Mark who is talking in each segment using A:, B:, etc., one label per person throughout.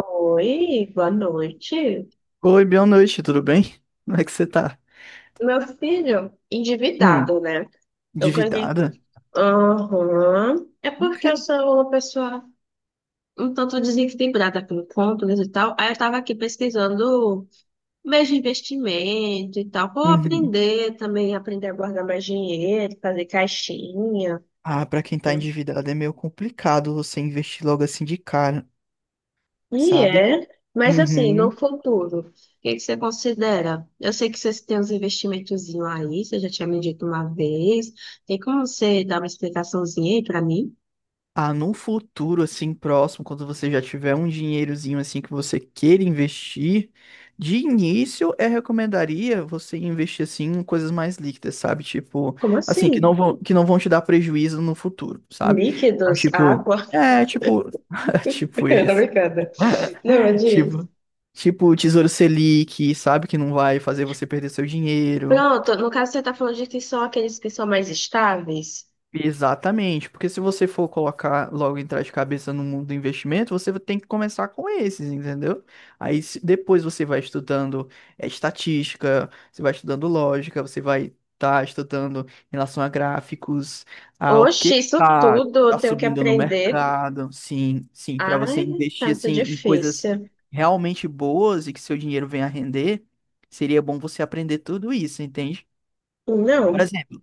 A: Oi, boa noite.
B: Oi, boa noite, tudo bem? Como é que você tá?
A: Meu filho,
B: Hum,
A: endividado, né? Eu ganhei.
B: endividada?
A: Aham. É
B: O
A: porque
B: quê?
A: eu sou uma pessoa um tanto desequilibrada com contas e tal. Aí eu tava aqui pesquisando meios de investimento e tal. Vou
B: Uhum.
A: aprender também, aprender a guardar mais dinheiro, fazer caixinha.
B: Ah, pra quem tá
A: Né?
B: endividado é meio complicado você investir logo assim de cara,
A: E
B: sabe?
A: é, mas assim, no
B: Uhum.
A: futuro, o que que você considera? Eu sei que vocês têm uns investimentozinhos aí, você já tinha me dito uma vez. Tem como você dar uma explicaçãozinha aí pra mim?
B: Ah, num futuro assim próximo, quando você já tiver um dinheirozinho assim que você queira investir, de início eu recomendaria você investir assim em coisas mais líquidas, sabe? Tipo,
A: Como
B: assim, que não
A: assim?
B: vão, que não vão te dar prejuízo no futuro, sabe? Então,
A: Líquidos,
B: tipo,
A: água?
B: tipo
A: Tá
B: esse.
A: brincando. Não, é disso.
B: Tipo, Tipo, o Tesouro Selic, sabe? Que não vai fazer você perder seu dinheiro.
A: Pronto, no caso você tá falando de que são aqueles que são mais estáveis.
B: Exatamente, porque se você for colocar logo entrar de cabeça no mundo do investimento, você tem que começar com esses, entendeu? Aí depois você vai estudando estatística, você vai estudando lógica, você vai estar estudando em relação a gráficos, a o
A: Oxe,
B: que que
A: isso
B: tá,
A: tudo
B: tá
A: eu tenho que
B: subindo no
A: aprender.
B: mercado, sim, sim, para você
A: Ai, tá
B: investir
A: muito
B: assim em coisas
A: difícil.
B: realmente boas e que seu dinheiro venha a render, seria bom você aprender tudo isso, entende? Por
A: Não.
B: exemplo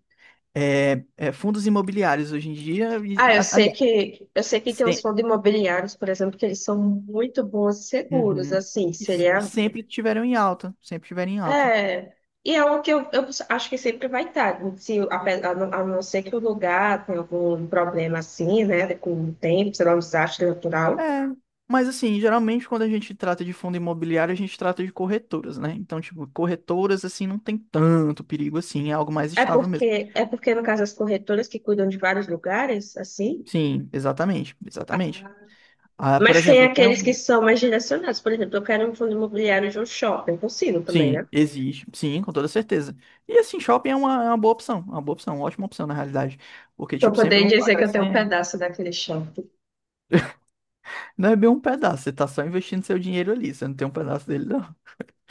B: fundos imobiliários hoje em dia, e-
A: Ah,
B: e,
A: eu sei
B: aliás,
A: que eu sei que tem uns
B: se-
A: fundos imobiliários, por exemplo, que eles são muito bons e seguros,
B: Uhum.
A: assim,
B: E, e
A: seria.
B: sempre tiveram em alta, sempre tiveram em alta.
A: É, e é o que eu acho que sempre vai estar. Se, ape- a não ser que o lugar tenha algum problema assim, né? Com o tempo, sei lá, um desastre natural.
B: É, mas assim, geralmente quando a gente trata de fundo imobiliário, a gente trata de corretoras, né? Então, tipo, corretoras, assim, não tem tanto perigo assim, é algo mais
A: É
B: estável
A: porque,
B: mesmo.
A: é porque, no caso, as corretoras que cuidam de vários lugares, assim,
B: Sim, exatamente, exatamente. Ah, por
A: mas tem
B: exemplo, tem
A: aqueles que
B: um.
A: são mais direcionados. Por exemplo, eu quero um fundo imobiliário de um shopping, eu consigo também, né?
B: Sim, existe, sim, com toda certeza. E assim, shopping é uma boa opção, é uma boa opção, uma ótima opção, na realidade. Porque,
A: Para
B: tipo, sempre
A: poder
B: vão estar
A: dizer que eu tenho um
B: crescendo.
A: pedaço daquele shopping.
B: Não é bem um pedaço, você tá só investindo seu dinheiro ali, você não tem um pedaço dele, não.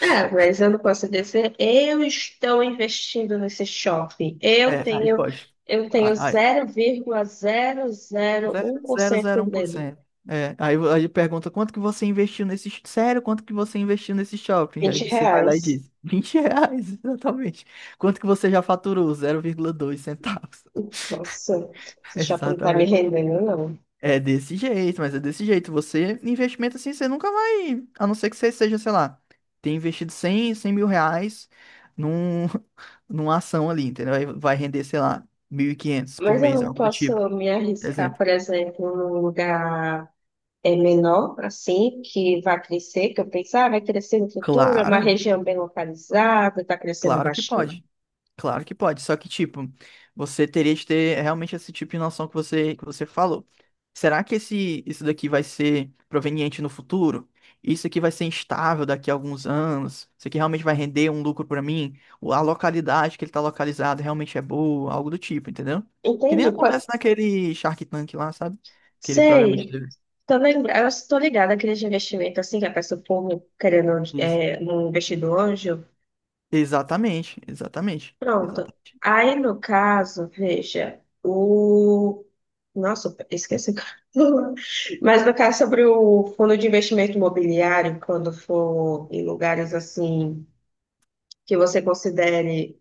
A: É, mas eu não posso dizer, eu estou investindo nesse shopping. Eu
B: É, aí
A: tenho,
B: pode.
A: eu
B: Aí,
A: tenho
B: aí,
A: zero vírgula zero zero vírgula
B: zero
A: um por
B: zero zero
A: cento
B: um por
A: dele.
B: cento. É, aí, aí pergunta quanto que você investiu nesse. Sério, quanto que você investiu nesse shopping? Aí
A: Vinte
B: você vai lá e
A: reais.
B: diz: R$ 20, exatamente. Quanto que você já faturou? Zero vírgula dois centavos.
A: Nossa, esse shopping não está me
B: Exatamente.
A: rendendo, não.
B: É desse jeito, mas é desse jeito. Você, investimento assim, você nunca vai. A não ser que você seja, sei lá, ter investido cem mil reais num, numa ação ali, entendeu? Aí vai render, sei lá, 1.500 por
A: Mas eu
B: mês,
A: não
B: algo do tipo.
A: posso me arriscar,
B: Exemplo.
A: por exemplo, num lugar menor, assim, que vai crescer, que eu pensar, ah, vai crescer no futuro, é uma
B: Claro,
A: região bem localizada, está crescendo
B: claro que
A: bastante.
B: pode. Claro que pode, só que tipo, você teria de ter realmente esse tipo de noção que você falou. Será que esse, isso daqui vai ser proveniente no futuro? Isso aqui vai ser instável daqui a alguns anos? Isso aqui realmente vai render um lucro pra mim? Ou a localidade que ele tá localizado realmente é boa? Algo do tipo, entendeu? Que nem
A: Entende?
B: acontece naquele Shark Tank lá, sabe? Aquele programa de
A: Sei.
B: TV.
A: Tô lembrada, eu estou ligada àqueles investimentos assim, que a pessoa como querendo
B: Isso.
A: um investidor anjo.
B: Exatamente, exatamente,
A: Pronto.
B: exatamente.
A: Aí, no caso, veja, o. Nossa, esqueci, o que Mas no caso sobre o fundo de investimento imobiliário, quando for em lugares assim que você considere,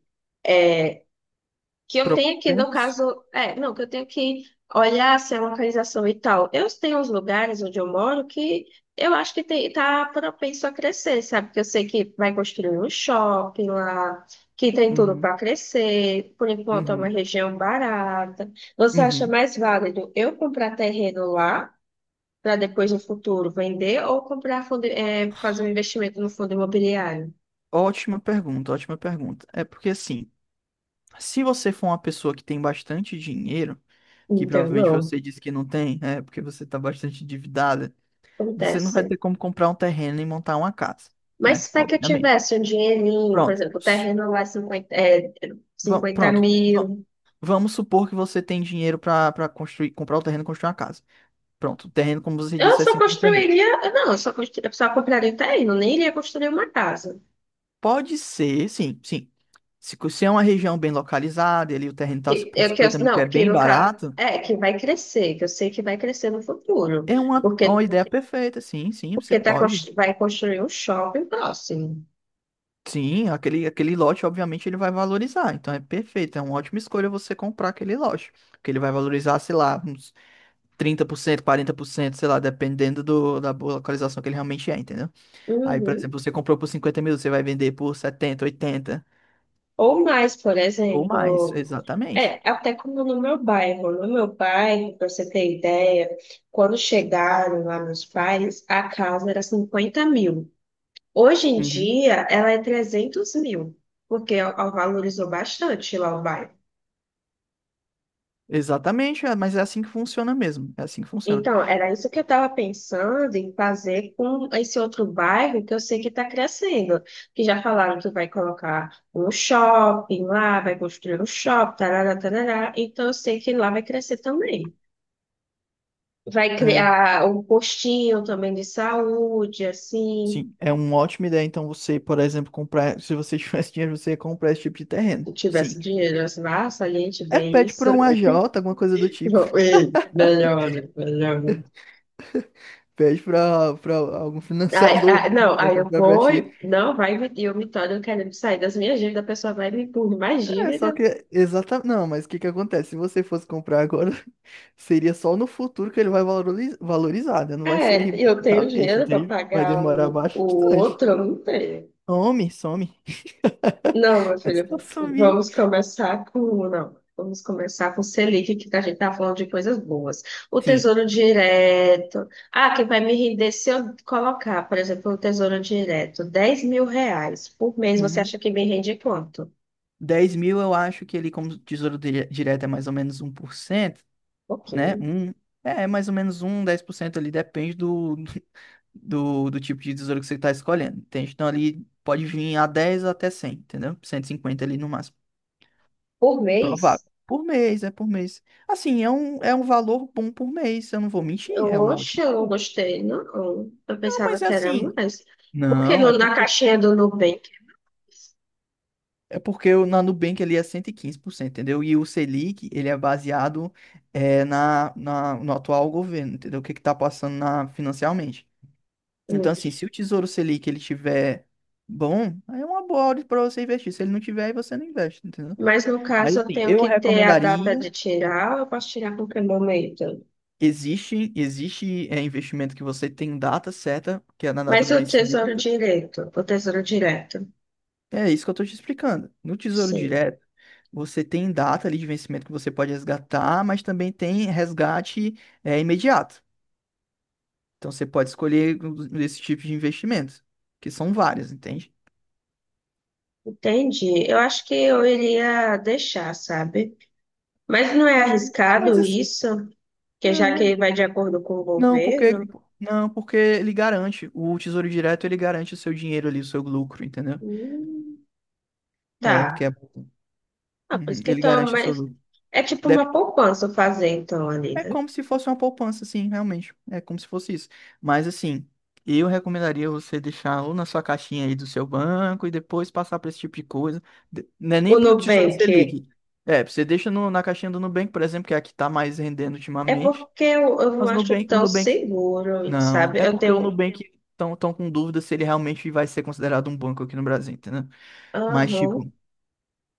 A: que eu tenho que, no
B: Propensos?
A: caso, é, não, que eu tenho que olhar se é localização e tal. Eu tenho uns lugares onde eu moro que eu acho que tem, tá propenso a crescer, sabe? Que eu sei que vai construir um shopping lá, que tem tudo
B: Uhum,
A: para crescer, por enquanto é uma
B: uhum,
A: região barata. Você acha
B: uhum.
A: mais válido eu comprar terreno lá? Para depois no futuro vender ou comprar fundo, fazer um investimento no fundo imobiliário.
B: Ótima pergunta, ótima pergunta. É porque assim, se você for uma pessoa que tem bastante dinheiro, que
A: Então,
B: provavelmente
A: não,
B: você disse que não tem, é porque você está bastante endividada, você não vai
A: acontece.
B: ter como comprar um terreno e montar uma casa,
A: Mas
B: né?
A: se é que eu
B: Obviamente.
A: tivesse um dinheirinho, por
B: Pronto.
A: exemplo, o terreno lá é 50, é, 50
B: Pronto.
A: mil,
B: Vamos supor que você tem dinheiro para construir, comprar o terreno e construir uma casa. Pronto, o terreno, como você
A: eu
B: disse, é
A: só
B: 50 mil.
A: construiria, não, eu só, eu só compraria o terreno, nem iria construir uma casa.
B: Pode ser, sim, sim. Se é uma região bem localizada, e ali o terreno está por
A: Que eu,
B: 50 mil, que é
A: não, que
B: bem
A: no caso,
B: barato.
A: que vai crescer, que eu sei que vai crescer no futuro,
B: É
A: porque,
B: uma ideia perfeita, sim, sim, você
A: tá,
B: pode.
A: vai construir um shopping próximo.
B: Sim, aquele, aquele lote, obviamente, ele vai valorizar. Então é perfeito, é uma ótima escolha você comprar aquele lote. Porque ele vai valorizar, sei lá, uns 30%, 40%, sei lá, dependendo do, da boa localização que ele realmente é, entendeu? Aí, por exemplo,
A: Uhum.
B: você comprou por 50 mil, você vai vender por setenta, 80
A: Ou mais, por
B: ou mais,
A: exemplo.
B: exatamente.
A: É, até como no meu bairro. No meu bairro, para você ter ideia, quando chegaram lá meus pais, a casa era 50 mil. Hoje em
B: Uhum.
A: dia, ela é 300 mil, porque ó, ó, valorizou bastante lá o bairro.
B: Exatamente, é, mas é assim que funciona mesmo. É assim que funciona.
A: Então, era isso que eu estava pensando em fazer com esse outro bairro que eu sei que está crescendo. Que já falaram que vai colocar um shopping lá, vai construir um shopping, tarará, tarará. Então, eu sei que lá vai crescer também. Vai
B: É,
A: criar um postinho também de saúde, assim.
B: sim, é uma ótima ideia. Então, você, por exemplo, comprar. Se você tivesse dinheiro, você ia comprar esse tipo de terreno.
A: Se
B: Sim.
A: tivesse dinheiro, assim, ah, saliente
B: É,
A: bem
B: pede
A: isso.
B: para um agiota, alguma coisa do tipo.
A: E melhora, melhora.
B: Pede para algum
A: Ai,
B: financiador
A: ai, não,
B: para
A: aí eu
B: comprar para
A: vou,
B: ti.
A: e- não, vai me, e eu me torno querendo sair das minhas dívidas, a pessoa vai me impor mais
B: É, só
A: dívida.
B: que. Exatamente. Não, mas o que que acontece? Se você fosse comprar agora, seria só no futuro que ele vai valorizar, né? Não vai ser
A: É, eu tenho
B: imediatamente,
A: dinheiro para
B: entende? Vai
A: pagar
B: demorar
A: o,
B: bastante.
A: outro, eu não tenho.
B: Some, some.
A: Não, meu
B: É só
A: filho,
B: sumir.
A: vamos começar com. Não, vamos começar com Selic, que a gente tá falando de coisas boas. O
B: Sim.
A: Tesouro Direto. Ah, que vai me render se eu colocar, por exemplo, o Tesouro Direto, 10 mil reais por mês. Você
B: Uhum.
A: acha que me rende quanto? Um
B: 10 mil eu acho que ele, como tesouro direto, é mais ou menos 1%, né?
A: pouquinho.
B: Um, é, é mais ou menos um 10% ali, depende do tipo de tesouro que você está escolhendo. Entende? Então ali pode vir a 10 até cem, entendeu? Cento e cinquenta ali no máximo.
A: Por
B: Provável.
A: mês?
B: Por mês, é por mês. Assim, é um valor bom por mês, eu não vou mentir,
A: Eu,
B: é um
A: oxe,
B: ótimo
A: eu não
B: valor.
A: gostei. Não, eu
B: Não,
A: pensava
B: mas é
A: que era
B: assim.
A: mais. Porque
B: Não, é
A: no, na
B: porque,
A: caixinha do Nubank.
B: é porque na Nubank ele é 115%, entendeu? E o Selic, ele é baseado no atual governo, entendeu? O que que tá passando na, financeiramente. Então,
A: Hum.
B: assim, se o Tesouro Selic ele tiver bom, aí é uma boa hora para você investir. Se ele não tiver, aí você não investe, entendeu?
A: Mas no
B: Mas,
A: caso, eu
B: assim,
A: tenho
B: eu
A: que ter a data
B: recomendaria.
A: de tirar, ou eu posso tirar a qualquer momento?
B: Existe, existe investimento que você tem data certa, que é na data do vencimento,
A: O tesouro direto,
B: é isso que eu tô te explicando. No Tesouro
A: sim.
B: Direto, você tem data ali de vencimento que você pode resgatar, mas também tem resgate, é, imediato. Então você pode escolher um desse tipo de investimentos, que são vários, entende?
A: Entendi. Eu acho que eu iria deixar, sabe? Mas não é
B: É, mas
A: arriscado
B: assim,
A: isso? Porque já que
B: não,
A: vai de acordo com o
B: não, porque,
A: governo,
B: não, porque ele garante, o Tesouro Direto ele garante o seu dinheiro ali, o seu lucro, entendeu?
A: hum,
B: É,
A: tá.
B: porque
A: Ah, por
B: Uhum,
A: isso que
B: ele
A: então,
B: garante o seu
A: mas
B: lucro.
A: é tipo uma poupança fazer então ali,
B: É
A: né?
B: como se fosse uma poupança, sim, realmente. É como se fosse isso. Mas assim, eu recomendaria você deixar ou na sua caixinha aí do seu banco e depois passar para esse tipo de coisa. Não é nem
A: O
B: para o Tesouro
A: Nubank
B: Selic. É, você deixa na caixinha do Nubank, por exemplo, que é a que está mais rendendo
A: é
B: ultimamente.
A: porque eu não
B: Mas
A: acho
B: Nubank, o
A: tão
B: Nubank.
A: seguro,
B: Não,
A: sabe?
B: é
A: Eu
B: porque o
A: tenho.
B: Nubank estão tão tão com dúvida se ele realmente vai ser considerado um banco aqui no Brasil, entendeu? Mas,
A: Aham.
B: tipo,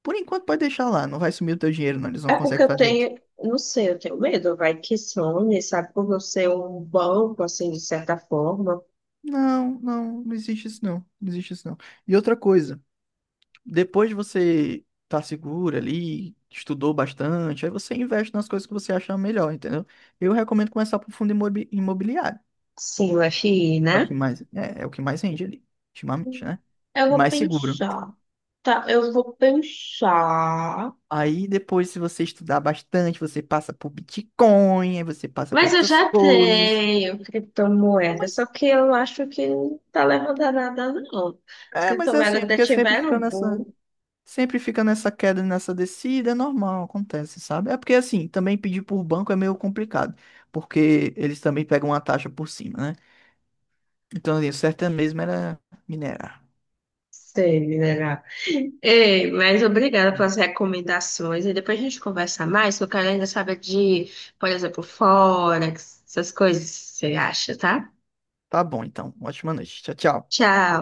B: por enquanto pode deixar lá, não vai sumir o teu dinheiro, não. Eles não
A: É porque
B: conseguem
A: eu
B: fazer isso.
A: tenho, não sei, eu tenho medo, vai que some, sabe? Por eu ser um banco, assim, de certa forma.
B: Não, não, não existe isso não, não existe isso não. E outra coisa, depois de você tá segura ali, estudou bastante, aí você investe nas coisas que você acha melhor, entendeu? Eu recomendo começar por fundo imobiliário.
A: Sim, o FI,
B: É o
A: né?
B: que mais, é o que mais rende ali, ultimamente, né?
A: Eu
B: E
A: vou
B: mais seguro.
A: pensar. Tá, eu vou pensar.
B: Aí depois, se você estudar bastante, você passa por Bitcoin, aí você passa por
A: Mas eu
B: outras
A: já
B: coisas.
A: tenho
B: Ah,
A: criptomoeda, só que eu acho que não tá levando a nada, não. As
B: mas é assim,
A: criptomoedas
B: é
A: ainda
B: porque é sempre fica
A: tiveram
B: nessa.
A: boom.
B: Sempre fica nessa queda, e nessa descida, é normal, acontece, sabe? É porque assim, também pedir por banco é meio complicado, porque eles também pegam uma taxa por cima, né? Então, assim, o certo é mesmo era minerar.
A: Sei, né? Ei, mas obrigada pelas recomendações. E depois a gente conversa mais, que eu quero ainda saber de, por exemplo, Forex, essas coisas que você acha, tá?
B: Tá bom, então. Ótima noite. Tchau, tchau.
A: Tchau.